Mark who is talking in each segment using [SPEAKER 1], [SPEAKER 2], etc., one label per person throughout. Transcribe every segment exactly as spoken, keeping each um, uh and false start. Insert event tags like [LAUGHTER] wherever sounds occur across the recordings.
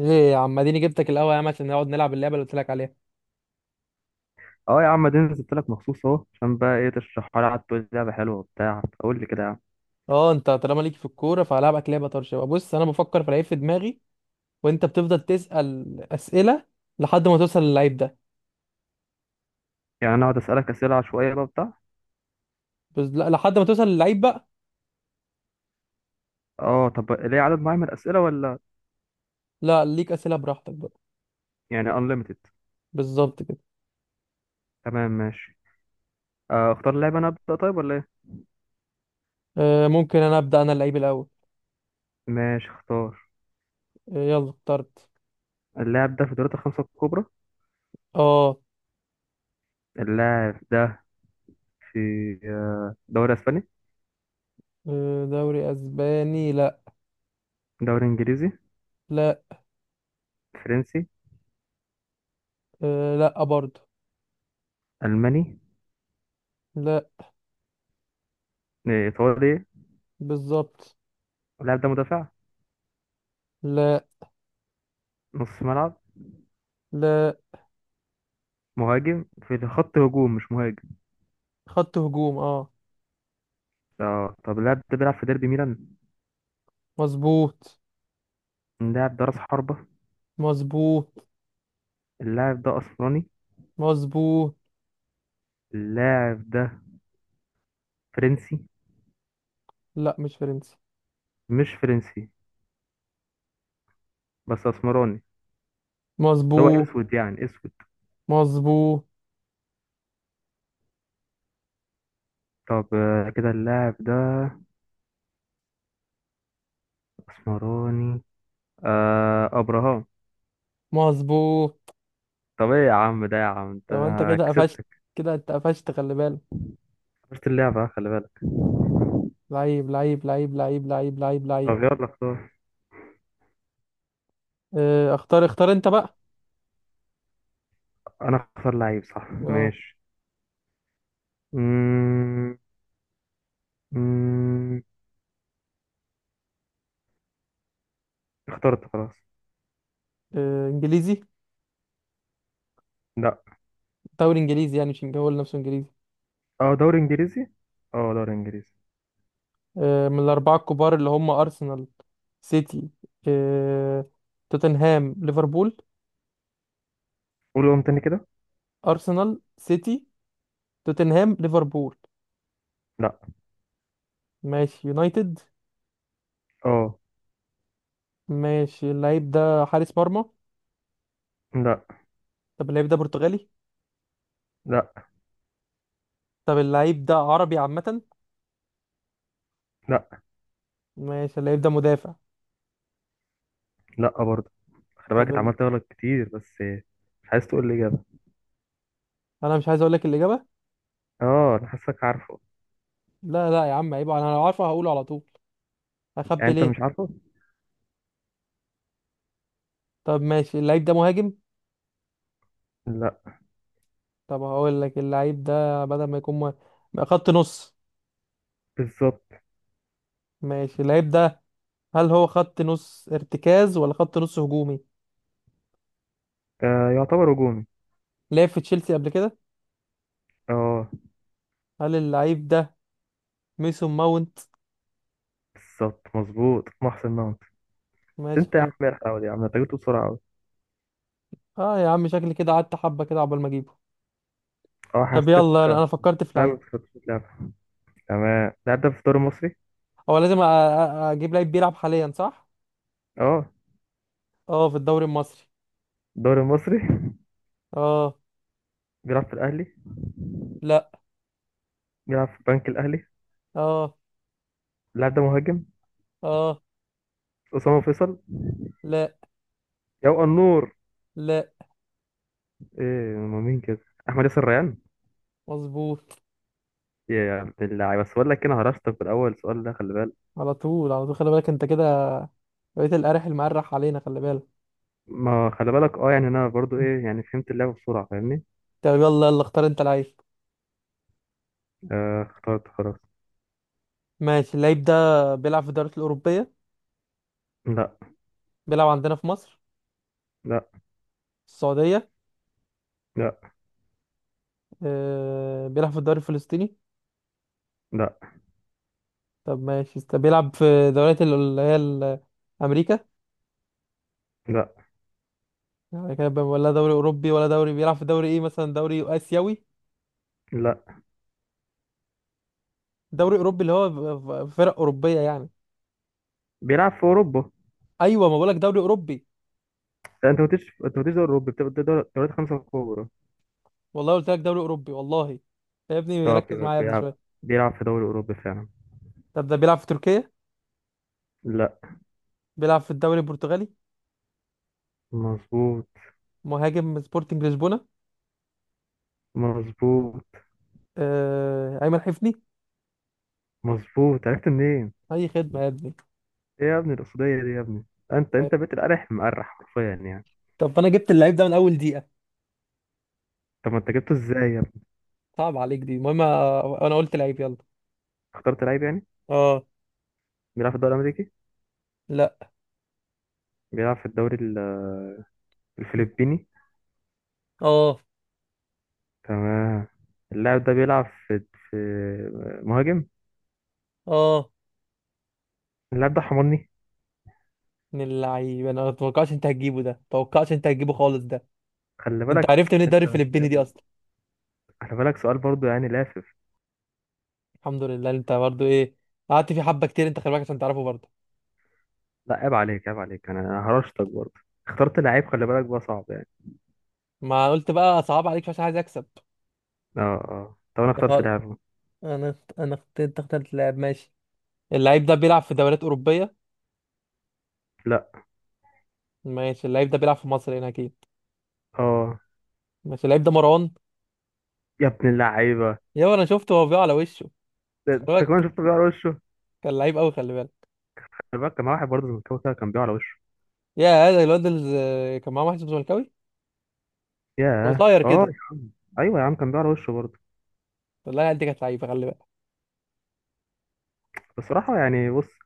[SPEAKER 1] ايه يا عم اديني جبتك الاول يا عم عشان نقعد نلعب اللعبه اللي قلت لك عليها.
[SPEAKER 2] اه يا عم، دي نزلت لك مخصوص اهو. عشان بقى ايه تشرحها لي؟ قعدت تقول لي لعبه حلوه وبتاع، قول لي كده يا عم.
[SPEAKER 1] اه انت طالما ليك في الكوره فهلعبك لعبه طرش بقى. بص انا بفكر في لعيب في دماغي وانت بتفضل تسال اسئله لحد ما توصل للعيب ده.
[SPEAKER 2] يعني انا اقعد اسالك اسئله عشوائيه بقى بتاع.
[SPEAKER 1] بس لا، لحد ما توصل للعيب بقى.
[SPEAKER 2] اه طب ليه عدد معين من الاسئله ولا؟
[SPEAKER 1] لا، ليك اسئله براحتك بقى.
[SPEAKER 2] يعني unlimited؟
[SPEAKER 1] بالظبط كده.
[SPEAKER 2] تمام ماشي. آه، اختار اللاعب. انا ابدا طيب ولا ايه؟
[SPEAKER 1] آه ممكن انا ابدا، انا اللعيب الاول.
[SPEAKER 2] ماشي اختار.
[SPEAKER 1] آه يلا اخترت.
[SPEAKER 2] اللاعب ده في دوري الخمسه الكبرى.
[SPEAKER 1] اه.
[SPEAKER 2] اللاعب ده في آه، دوري اسباني؟
[SPEAKER 1] آه، دوري اسباني؟ لا.
[SPEAKER 2] دوري انجليزي؟
[SPEAKER 1] لا.
[SPEAKER 2] فرنسي؟
[SPEAKER 1] آه لا برضه.
[SPEAKER 2] الماني؟
[SPEAKER 1] لا.
[SPEAKER 2] آه، ايطالي؟
[SPEAKER 1] بالظبط.
[SPEAKER 2] اللاعب ده مدافع؟
[SPEAKER 1] لا.
[SPEAKER 2] نص ملعب؟
[SPEAKER 1] لا.
[SPEAKER 2] مهاجم في خط هجوم مش مهاجم.
[SPEAKER 1] خط هجوم اه.
[SPEAKER 2] اه طب اللاعب ده بيلعب في ديربي ميلان؟
[SPEAKER 1] مظبوط.
[SPEAKER 2] اللاعب ده راس حربة؟
[SPEAKER 1] مظبوط.
[SPEAKER 2] اللاعب ده اسمراني؟
[SPEAKER 1] مظبوط.
[SPEAKER 2] اللاعب ده فرنسي؟
[SPEAKER 1] لا، مش فرنسي.
[SPEAKER 2] مش فرنسي بس اسمراني. اللي هو
[SPEAKER 1] مظبوط.
[SPEAKER 2] اسود يعني اسود.
[SPEAKER 1] مظبوط.
[SPEAKER 2] طب آه، كده اللاعب ده اسمراني. آه ابراهام.
[SPEAKER 1] مظبوط.
[SPEAKER 2] طب ايه يا عم ده يا عم انت!
[SPEAKER 1] لو انت كده قفشت.
[SPEAKER 2] كسبتك.
[SPEAKER 1] كده انت قفشت خلي بالك.
[SPEAKER 2] خسرت اللعبة، خلي بالك.
[SPEAKER 1] لعيب لعيب لعيب لعيب لعيب لعيب لعيب.
[SPEAKER 2] طب يلا اختار.
[SPEAKER 1] اه اختار اختار انت بقى.
[SPEAKER 2] انا اختار لعيب صح؟
[SPEAKER 1] اه.
[SPEAKER 2] ماشي. مم... مم... اخترت خلاص.
[SPEAKER 1] اه، انجليزي.
[SPEAKER 2] لا.
[SPEAKER 1] دوري انجليزي، يعني مش إنج- هو نفسه انجليزي.
[SPEAKER 2] اه دوري انجليزي. اه دوري انجليزي.
[SPEAKER 1] اه، من الاربعه الكبار اللي هم ارسنال، سيتي، اه توتنهام، ليفربول.
[SPEAKER 2] قول قوم تاني كده.
[SPEAKER 1] ارسنال، سيتي، توتنهام، ليفربول.
[SPEAKER 2] لا.
[SPEAKER 1] ماشي، يونايتد.
[SPEAKER 2] اه.
[SPEAKER 1] ماشي، اللعيب ده حارس مرمى؟
[SPEAKER 2] لا.
[SPEAKER 1] طب اللعيب ده برتغالي؟
[SPEAKER 2] لا.
[SPEAKER 1] طب اللعيب ده عربي عامة؟
[SPEAKER 2] لا.
[SPEAKER 1] ماشي، اللعيب ده مدافع؟
[SPEAKER 2] لا برضه. خلي بالك،
[SPEAKER 1] طب ال...
[SPEAKER 2] اتعملت غلط كتير بس. مش عايز تقول لي إجابة.
[SPEAKER 1] انا مش عايز اقول لك الإجابة.
[SPEAKER 2] اه أنا حاسك عارفه.
[SPEAKER 1] لا لا يا عم، عيب، انا لو عارفه هقوله على طول.
[SPEAKER 2] يعني
[SPEAKER 1] اخبي
[SPEAKER 2] أنت مش
[SPEAKER 1] ليه؟
[SPEAKER 2] عارفه؟
[SPEAKER 1] طب ماشي، اللعيب ده مهاجم؟
[SPEAKER 2] لا.
[SPEAKER 1] طب هقول لك، اللعيب ده بدل ما يكون مه- ما خط نص.
[SPEAKER 2] بالظبط.
[SPEAKER 1] ماشي، اللعيب ده هل هو خط نص ارتكاز ولا خط نص هجومي؟
[SPEAKER 2] آه يعتبر هجومي.
[SPEAKER 1] لعب في تشيلسي قبل كده؟
[SPEAKER 2] اه.
[SPEAKER 1] هل اللعيب ده ميسون ماونت؟
[SPEAKER 2] بالظبط مظبوط محسن ماونت. بس
[SPEAKER 1] ماشي،
[SPEAKER 2] أنت يا عم
[SPEAKER 1] حلو.
[SPEAKER 2] مرح أوي يا عم، أنت جبته بسرعة أوي.
[SPEAKER 1] اه يا عم، شكلي كده قعدت حبة كده عقبال ما اجيبه.
[SPEAKER 2] اه
[SPEAKER 1] طب
[SPEAKER 2] حاسسك.
[SPEAKER 1] يلا، انا فكرت في
[SPEAKER 2] فاهم
[SPEAKER 1] لعيب.
[SPEAKER 2] في خطة اللعبة. تمام. اللاعب ده في الدوري المصري؟
[SPEAKER 1] هو لازم أ- أ- اجيب لعيب بيلعب حاليا صح؟
[SPEAKER 2] اه.
[SPEAKER 1] اه، في الدوري المصري.
[SPEAKER 2] الدوري المصري [LAUGHS]
[SPEAKER 1] اه.
[SPEAKER 2] بيلعب في الأهلي.
[SPEAKER 1] لا.
[SPEAKER 2] بيلعب في البنك الأهلي.
[SPEAKER 1] اه.
[SPEAKER 2] اللاعب ده مهاجم.
[SPEAKER 1] اه.
[SPEAKER 2] أسامة فيصل.
[SPEAKER 1] لا.
[SPEAKER 2] يا النور.
[SPEAKER 1] لا.
[SPEAKER 2] ايه هما مين كده؟ أحمد ياسر ريان.
[SPEAKER 1] مظبوط.
[SPEAKER 2] يا عبد اللعيبة، بس بقول لك إيه، أنا هرشتك في الأول. السؤال ده خلي بالك.
[SPEAKER 1] على طول، على طول، خلي بالك انت كده، بقيت القارح المقرح علينا خلي بالك.
[SPEAKER 2] ما خلي بالك. اه يعني انا برضو ايه يعني فهمت اللعبة بسرعة، فاهمني.
[SPEAKER 1] طب يلا يلا، اختار انت لعيب.
[SPEAKER 2] آه اخترت خلاص.
[SPEAKER 1] ماشي، اللعيب ده بيلعب في الدوريات الأوروبية؟
[SPEAKER 2] لا.
[SPEAKER 1] بيلعب عندنا في مصر؟
[SPEAKER 2] لا.
[SPEAKER 1] في السعودية؟
[SPEAKER 2] لا.
[SPEAKER 1] آه بيلعب في الدوري الفلسطيني؟
[SPEAKER 2] لا.
[SPEAKER 1] طب ماشي، طب بيلعب في دوريات ال- اللي هي ال- أمريكا؟
[SPEAKER 2] لا.
[SPEAKER 1] يعني كده بقى، ولا دوري أوروبي، ولا دوري، بيلعب في دوري إيه؟ مثلا دوري آسيوي؟
[SPEAKER 2] لا.
[SPEAKER 1] دوري أوروبي، اللي هو ف- ف- فرق أوروبية يعني.
[SPEAKER 2] بيلعب في اوروبا.
[SPEAKER 1] أيوة، ما بقولك دوري أوروبي.
[SPEAKER 2] لا، انت ما قلتش، انت ما قلتش دوري اوروبي، بتبقى ده دور- دوريات خمسة كبرى.
[SPEAKER 1] والله قلت لك دوري اوروبي والله. يا ابني،
[SPEAKER 2] طب
[SPEAKER 1] ركز
[SPEAKER 2] يبقى
[SPEAKER 1] معايا يا ابني
[SPEAKER 2] بيلعب
[SPEAKER 1] شويه.
[SPEAKER 2] بيلعب في دوري اوروبي فعلا.
[SPEAKER 1] طب ده بيلعب في تركيا؟
[SPEAKER 2] لا.
[SPEAKER 1] بيلعب في الدوري البرتغالي؟
[SPEAKER 2] مظبوط.
[SPEAKER 1] مهاجم سبورتنج لشبونه؟
[SPEAKER 2] مظبوط.
[SPEAKER 1] آه... ايمن حفني.
[SPEAKER 2] مظبوط. عرفت منين؟
[SPEAKER 1] اي خدمه يا ابني.
[SPEAKER 2] ايه يا ابني القصدية دي يا ابني؟ انت
[SPEAKER 1] آه،
[SPEAKER 2] انت بقيت القرح مقرح حرفيا يعني.
[SPEAKER 1] طب انا جبت اللعيب ده من اول دقيقه.
[SPEAKER 2] طب ما انت جبته ازاي يا ابني؟
[SPEAKER 1] صعب عليك دي، المهم، آه، انا قلت لعيب يلا.
[SPEAKER 2] اخترت لعيب يعني.
[SPEAKER 1] اه.
[SPEAKER 2] بيلعب في الدوري الامريكي.
[SPEAKER 1] لا.
[SPEAKER 2] بيلعب في الدوري ال- الفلبيني.
[SPEAKER 1] اه.
[SPEAKER 2] تمام. اللاعب ده بيلعب في في مهاجم.
[SPEAKER 1] اه.
[SPEAKER 2] اللاعب ده حمرني.
[SPEAKER 1] من اللعيب؟ انا ما اتوقعش انت هتجيبه ده، ما اتوقعش انت هتجيبه خالص ده.
[SPEAKER 2] خلي
[SPEAKER 1] انت
[SPEAKER 2] بالك.
[SPEAKER 1] عرفت من
[SPEAKER 2] أنت
[SPEAKER 1] الدوري الفلبيني دي
[SPEAKER 2] بتسأل-
[SPEAKER 1] اصلا؟
[SPEAKER 2] خلي بالك سؤال برضو يعني لافف.
[SPEAKER 1] الحمد لله، انت برضو ايه، قعدت فيه حبه كتير انت خلي بالك عشان تعرفه برضو.
[SPEAKER 2] لا عيب عليك، عيب عليك، انا أنا هرشتك برضو. اخترت لعيب خلي بالك، بقى صعب يعني.
[SPEAKER 1] ما قلت بقى صعب عليك عشان عايز اكسب.
[SPEAKER 2] اه اه طب انا اخترت لعيب.
[SPEAKER 1] انا انا اخت- انت اخترت لاعب. ماشي، اللعيب ده بيلعب في دوريات اوروبيه؟
[SPEAKER 2] لا.
[SPEAKER 1] ماشي، اللعيب ده بيلعب في مصر هنا اكيد.
[SPEAKER 2] اه
[SPEAKER 1] ماشي، اللعيب ده مروان؟
[SPEAKER 2] يا ابن اللعيبه.
[SPEAKER 1] يا انا شفته هو بيقع على وشه.
[SPEAKER 2] ده
[SPEAKER 1] خلي
[SPEAKER 2] انت كمان
[SPEAKER 1] بالك،
[SPEAKER 2] شفته بيقع على وشه.
[SPEAKER 1] كان لعيب قوي خلي بالك.
[SPEAKER 2] خلي بالك كان معاه واحد برضه زملكاوي كده كان بيقع على وشه.
[SPEAKER 1] يا هذا الواد اللي كان معاه واحد اسمه زملكاوي. كان
[SPEAKER 2] ياه
[SPEAKER 1] قصير
[SPEAKER 2] اه
[SPEAKER 1] كده.
[SPEAKER 2] يا عم. ايوه يا عم كان بيقع على وشه برضه.
[SPEAKER 1] والله العيال دي كانت لعيبه، خلي بالك.
[SPEAKER 2] بصراحه يعني بص،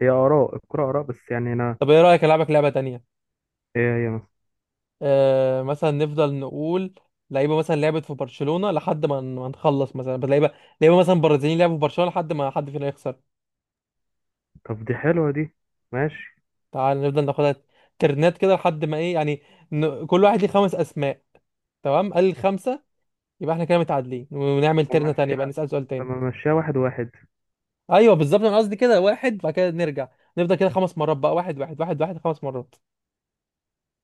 [SPEAKER 2] هي اراء الكره اراء، بس يعني انا.
[SPEAKER 1] طب ايه رايك العبك لعبه تانية؟
[SPEAKER 2] ايه هي مثلا؟
[SPEAKER 1] آه مثلا نفضل نقول لعيبه مثلا لعبت في برشلونه لحد ما، ما نخلص مثلا لعيبه، لعيبه مثلا برازيليين لعبوا في برشلونه لحد ما حد فينا يخسر.
[SPEAKER 2] طب دي حلوه دي. ماشي.
[SPEAKER 1] تعال نفضل ناخدها ترنات كده لحد ما ايه يعني. ن... كل واحد ليه خمس اسماء. تمام، قال الخمسه، يبقى احنا كده متعادلين، ونعمل
[SPEAKER 2] لما
[SPEAKER 1] ترنه تانية، يبقى
[SPEAKER 2] مشيها.
[SPEAKER 1] نسال سؤال تاني.
[SPEAKER 2] لما مشيها واحد واحد.
[SPEAKER 1] ايوه بالظبط، انا قصدي كده واحد، بعد كده نرجع نفضل كده خمس مرات بقى. واحد واحد واحد واحد، خمس مرات.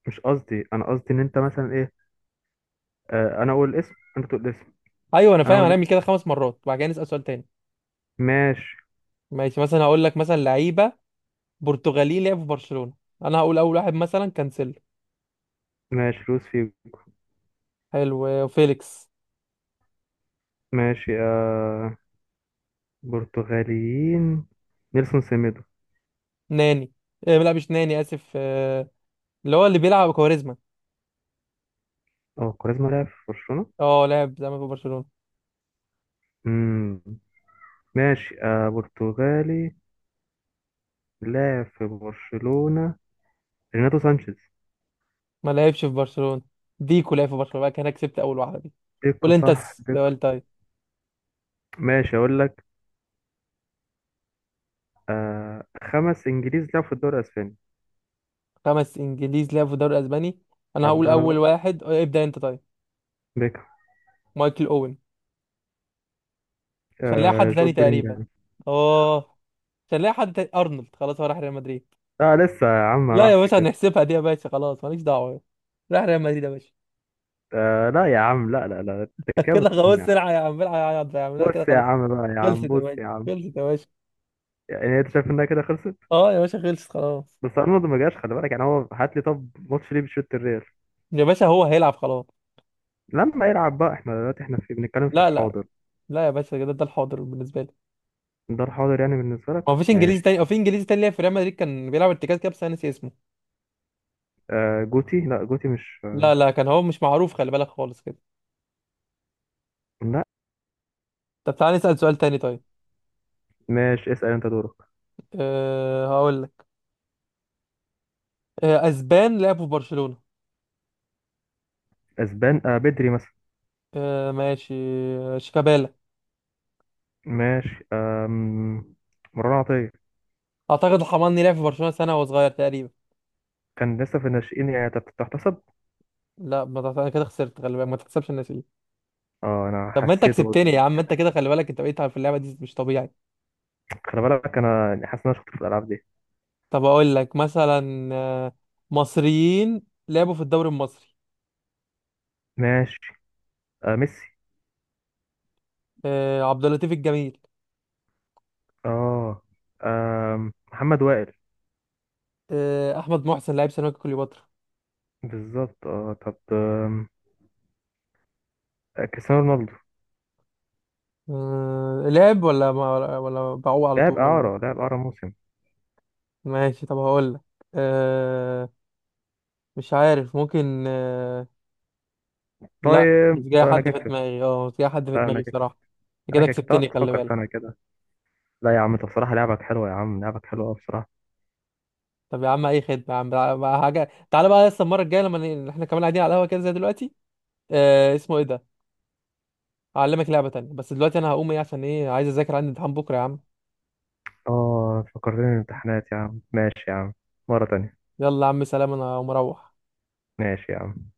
[SPEAKER 2] مش قصدي، انا قصدي ان انت مثلا ايه. آه انا اقول الاسم انت تقول الاسم.
[SPEAKER 1] ايوه انا
[SPEAKER 2] انا
[SPEAKER 1] فاهم،
[SPEAKER 2] اقول
[SPEAKER 1] هنعمل
[SPEAKER 2] الاسم.
[SPEAKER 1] كده خمس مرات، بعد كده نسال سؤال تاني.
[SPEAKER 2] ماشي.
[SPEAKER 1] ماشي، مثلا هقول لك مثلا لعيبه برتغالي لعبوا في برشلونه. انا هقول اول واحد، مثلا كانسيلو.
[SPEAKER 2] ماشي لوس فيجو.
[SPEAKER 1] حلو، فيليكس.
[SPEAKER 2] ماشي آه. برتغاليين. نيلسون سيميدو.
[SPEAKER 1] ناني. إيه لا، مش ناني، اسف. آه، اللي هو اللي بيلعب كواريزما.
[SPEAKER 2] اه كاريزما لعب في برشلونة.
[SPEAKER 1] اه لعب زمان في برشلونه.
[SPEAKER 2] امم ماشي آه برتغالي لعب في برشلونة. ريناتو سانشيز.
[SPEAKER 1] ما لعبش في برشلونة. ديكو لعب في برشلونة بقى، كان أنا كسبت اول واحدة دي. قول
[SPEAKER 2] ديكو
[SPEAKER 1] انت
[SPEAKER 2] صح ديكو.
[SPEAKER 1] السؤال طيب.
[SPEAKER 2] ماشي اقول لك. آه خمس انجليز لعبوا في الدوري الاسباني.
[SPEAKER 1] خمس انجليز لعبوا في الدوري الاسباني. انا هقول
[SPEAKER 2] هبدأ انا
[SPEAKER 1] اول
[SPEAKER 2] بقى.
[SPEAKER 1] واحد اه، ابدأ انت طيب.
[SPEAKER 2] ديكو.
[SPEAKER 1] مايكل اوين. مش هنلاقي
[SPEAKER 2] آه
[SPEAKER 1] حد تاني
[SPEAKER 2] جود
[SPEAKER 1] تقريبا.
[SPEAKER 2] بلينجهام.
[SPEAKER 1] اه مش هنلاقي حد تاني. ارنولد خلاص، هو راح ريال مدريد.
[SPEAKER 2] لا لسه يا عم، ما
[SPEAKER 1] لا يا
[SPEAKER 2] راحش
[SPEAKER 1] باشا،
[SPEAKER 2] كده.
[SPEAKER 1] هنحسبها دي يا باشا، خلاص ماليش دعوة. راح ريال مدريد يا باشا.
[SPEAKER 2] آه لا يا عم، لا لا لا، انت
[SPEAKER 1] [LAUGHS]
[SPEAKER 2] كده
[SPEAKER 1] كده خلاص،
[SPEAKER 2] بتخم يا عم.
[SPEAKER 1] سرعة يا عم، العب يا عم، اعملها كده
[SPEAKER 2] بص يا
[SPEAKER 1] خلاص.
[SPEAKER 2] عم بقى يا
[SPEAKER 1] خلصت
[SPEAKER 2] عم
[SPEAKER 1] يا
[SPEAKER 2] بص
[SPEAKER 1] باشا.
[SPEAKER 2] يا عم.
[SPEAKER 1] خلصت يا باشا.
[SPEAKER 2] يعني انت شايف انها كده خلصت؟
[SPEAKER 1] اه يا باشا، خلصت خلاص.
[SPEAKER 2] بس ارنولد ما جاش، خلي بالك يعني. هو هات لي طب ماتش ليه بيشوط الريال.
[SPEAKER 1] يا باشا هو هيلعب خلاص.
[SPEAKER 2] لما يلعب بقى. احنا دلوقتي احنا في بنتكلم في
[SPEAKER 1] لا لا.
[SPEAKER 2] الحاضر.
[SPEAKER 1] لا يا باشا، كده ده الحاضر بالنسبة لي.
[SPEAKER 2] ده الحاضر يعني بالنسبه
[SPEAKER 1] ما
[SPEAKER 2] لك.
[SPEAKER 1] فيش انجليزي
[SPEAKER 2] ماشي يا
[SPEAKER 1] تاني، او
[SPEAKER 2] عم.
[SPEAKER 1] في انجليزي تاني لعب في ريال مدريد كان بيلعب ارتكاز كده بس انا ناسي اسمه.
[SPEAKER 2] آه جوتي. لا جوتي مش
[SPEAKER 1] لا لا، كان هو مش معروف خلي بالك خالص كده.
[SPEAKER 2] لا.
[SPEAKER 1] طب تعالى نسأل سؤال تاني طيب.
[SPEAKER 2] ماشي اسال انت دورك.
[SPEAKER 1] أه هقول لك. أه، اسبان لعبوا في برشلونة.
[SPEAKER 2] اسبان. آه بدري مثلا.
[SPEAKER 1] أه ماشي. آه، شيكابالا.
[SPEAKER 2] ماشي آم... مروان عطيه.
[SPEAKER 1] اعتقد الحماني لعب في برشلونة سنة وهو صغير تقريبا.
[SPEAKER 2] كان لسه في الناشئين يعني تت- تحتسب؟
[SPEAKER 1] لا ما تع- انا كده خسرت خلي بالك، ما تحسبش الناس دي.
[SPEAKER 2] اه انا
[SPEAKER 1] طب ما انت
[SPEAKER 2] حسيته
[SPEAKER 1] كسبتني يا
[SPEAKER 2] يعني
[SPEAKER 1] عم، انت
[SPEAKER 2] كان-
[SPEAKER 1] كده خلي بالك، انت بقيت في اللعبة دي مش طبيعي.
[SPEAKER 2] خلي بالك انا يعني حاسس ان انا شاطر في الالعاب دي.
[SPEAKER 1] طب اقول لك مثلا آه، مصريين لعبوا في الدوري المصري.
[SPEAKER 2] ماشي. آه ميسي.
[SPEAKER 1] أه عبد اللطيف الجميل.
[SPEAKER 2] اه. آم، محمد وائل.
[SPEAKER 1] آه، احمد محسن لاعب سيراميكا كليوباترا.
[SPEAKER 2] بالظبط. اه طب آم، آه، كريستيانو رونالدو.
[SPEAKER 1] أه... لعب ولا ما... ولا بعوق على
[SPEAKER 2] لاعب
[SPEAKER 1] طول ولا
[SPEAKER 2] إعارة،
[SPEAKER 1] ايه؟
[SPEAKER 2] لاعب إعارة موسم.
[SPEAKER 1] ماشي، طب هقول لك أه... مش عارف، ممكن أه... لا، مش
[SPEAKER 2] طيب
[SPEAKER 1] جاي
[SPEAKER 2] طيب أنا
[SPEAKER 1] حد في
[SPEAKER 2] كسبت.
[SPEAKER 1] دماغي، اه مش جاي حد في
[SPEAKER 2] طيب أنا
[SPEAKER 1] دماغي
[SPEAKER 2] كسبت.
[SPEAKER 1] بصراحة. أنت
[SPEAKER 2] أنا
[SPEAKER 1] كده
[SPEAKER 2] كسبت. طب
[SPEAKER 1] كسبتني خلي
[SPEAKER 2] تفكر في أنا
[SPEAKER 1] بالك.
[SPEAKER 2] كده. لا يا عم، أنت بصراحة لعبك حلوة يا عم، لعبك حلوة أوي بصراحة.
[SPEAKER 1] طب يا عم، اي خدمة يا عم، تع- بقى حاجة، تعالى بقى لسه المرة الجاية لما ن- احنا كمان قاعدين على القهوة كده زي دلوقتي. أه... اسمه ايه ده، هعلمك لعبة تانية، بس دلوقتي انا هقوم ايه عشان ايه عايز اذاكر، عندي امتحان بكرة يا عم.
[SPEAKER 2] اه فكرتني الامتحانات يا عم، ماشي يا عم. مرة تانية.
[SPEAKER 1] يلا يا عم سلام، انا هقوم اروح.
[SPEAKER 2] ماشي يا عم.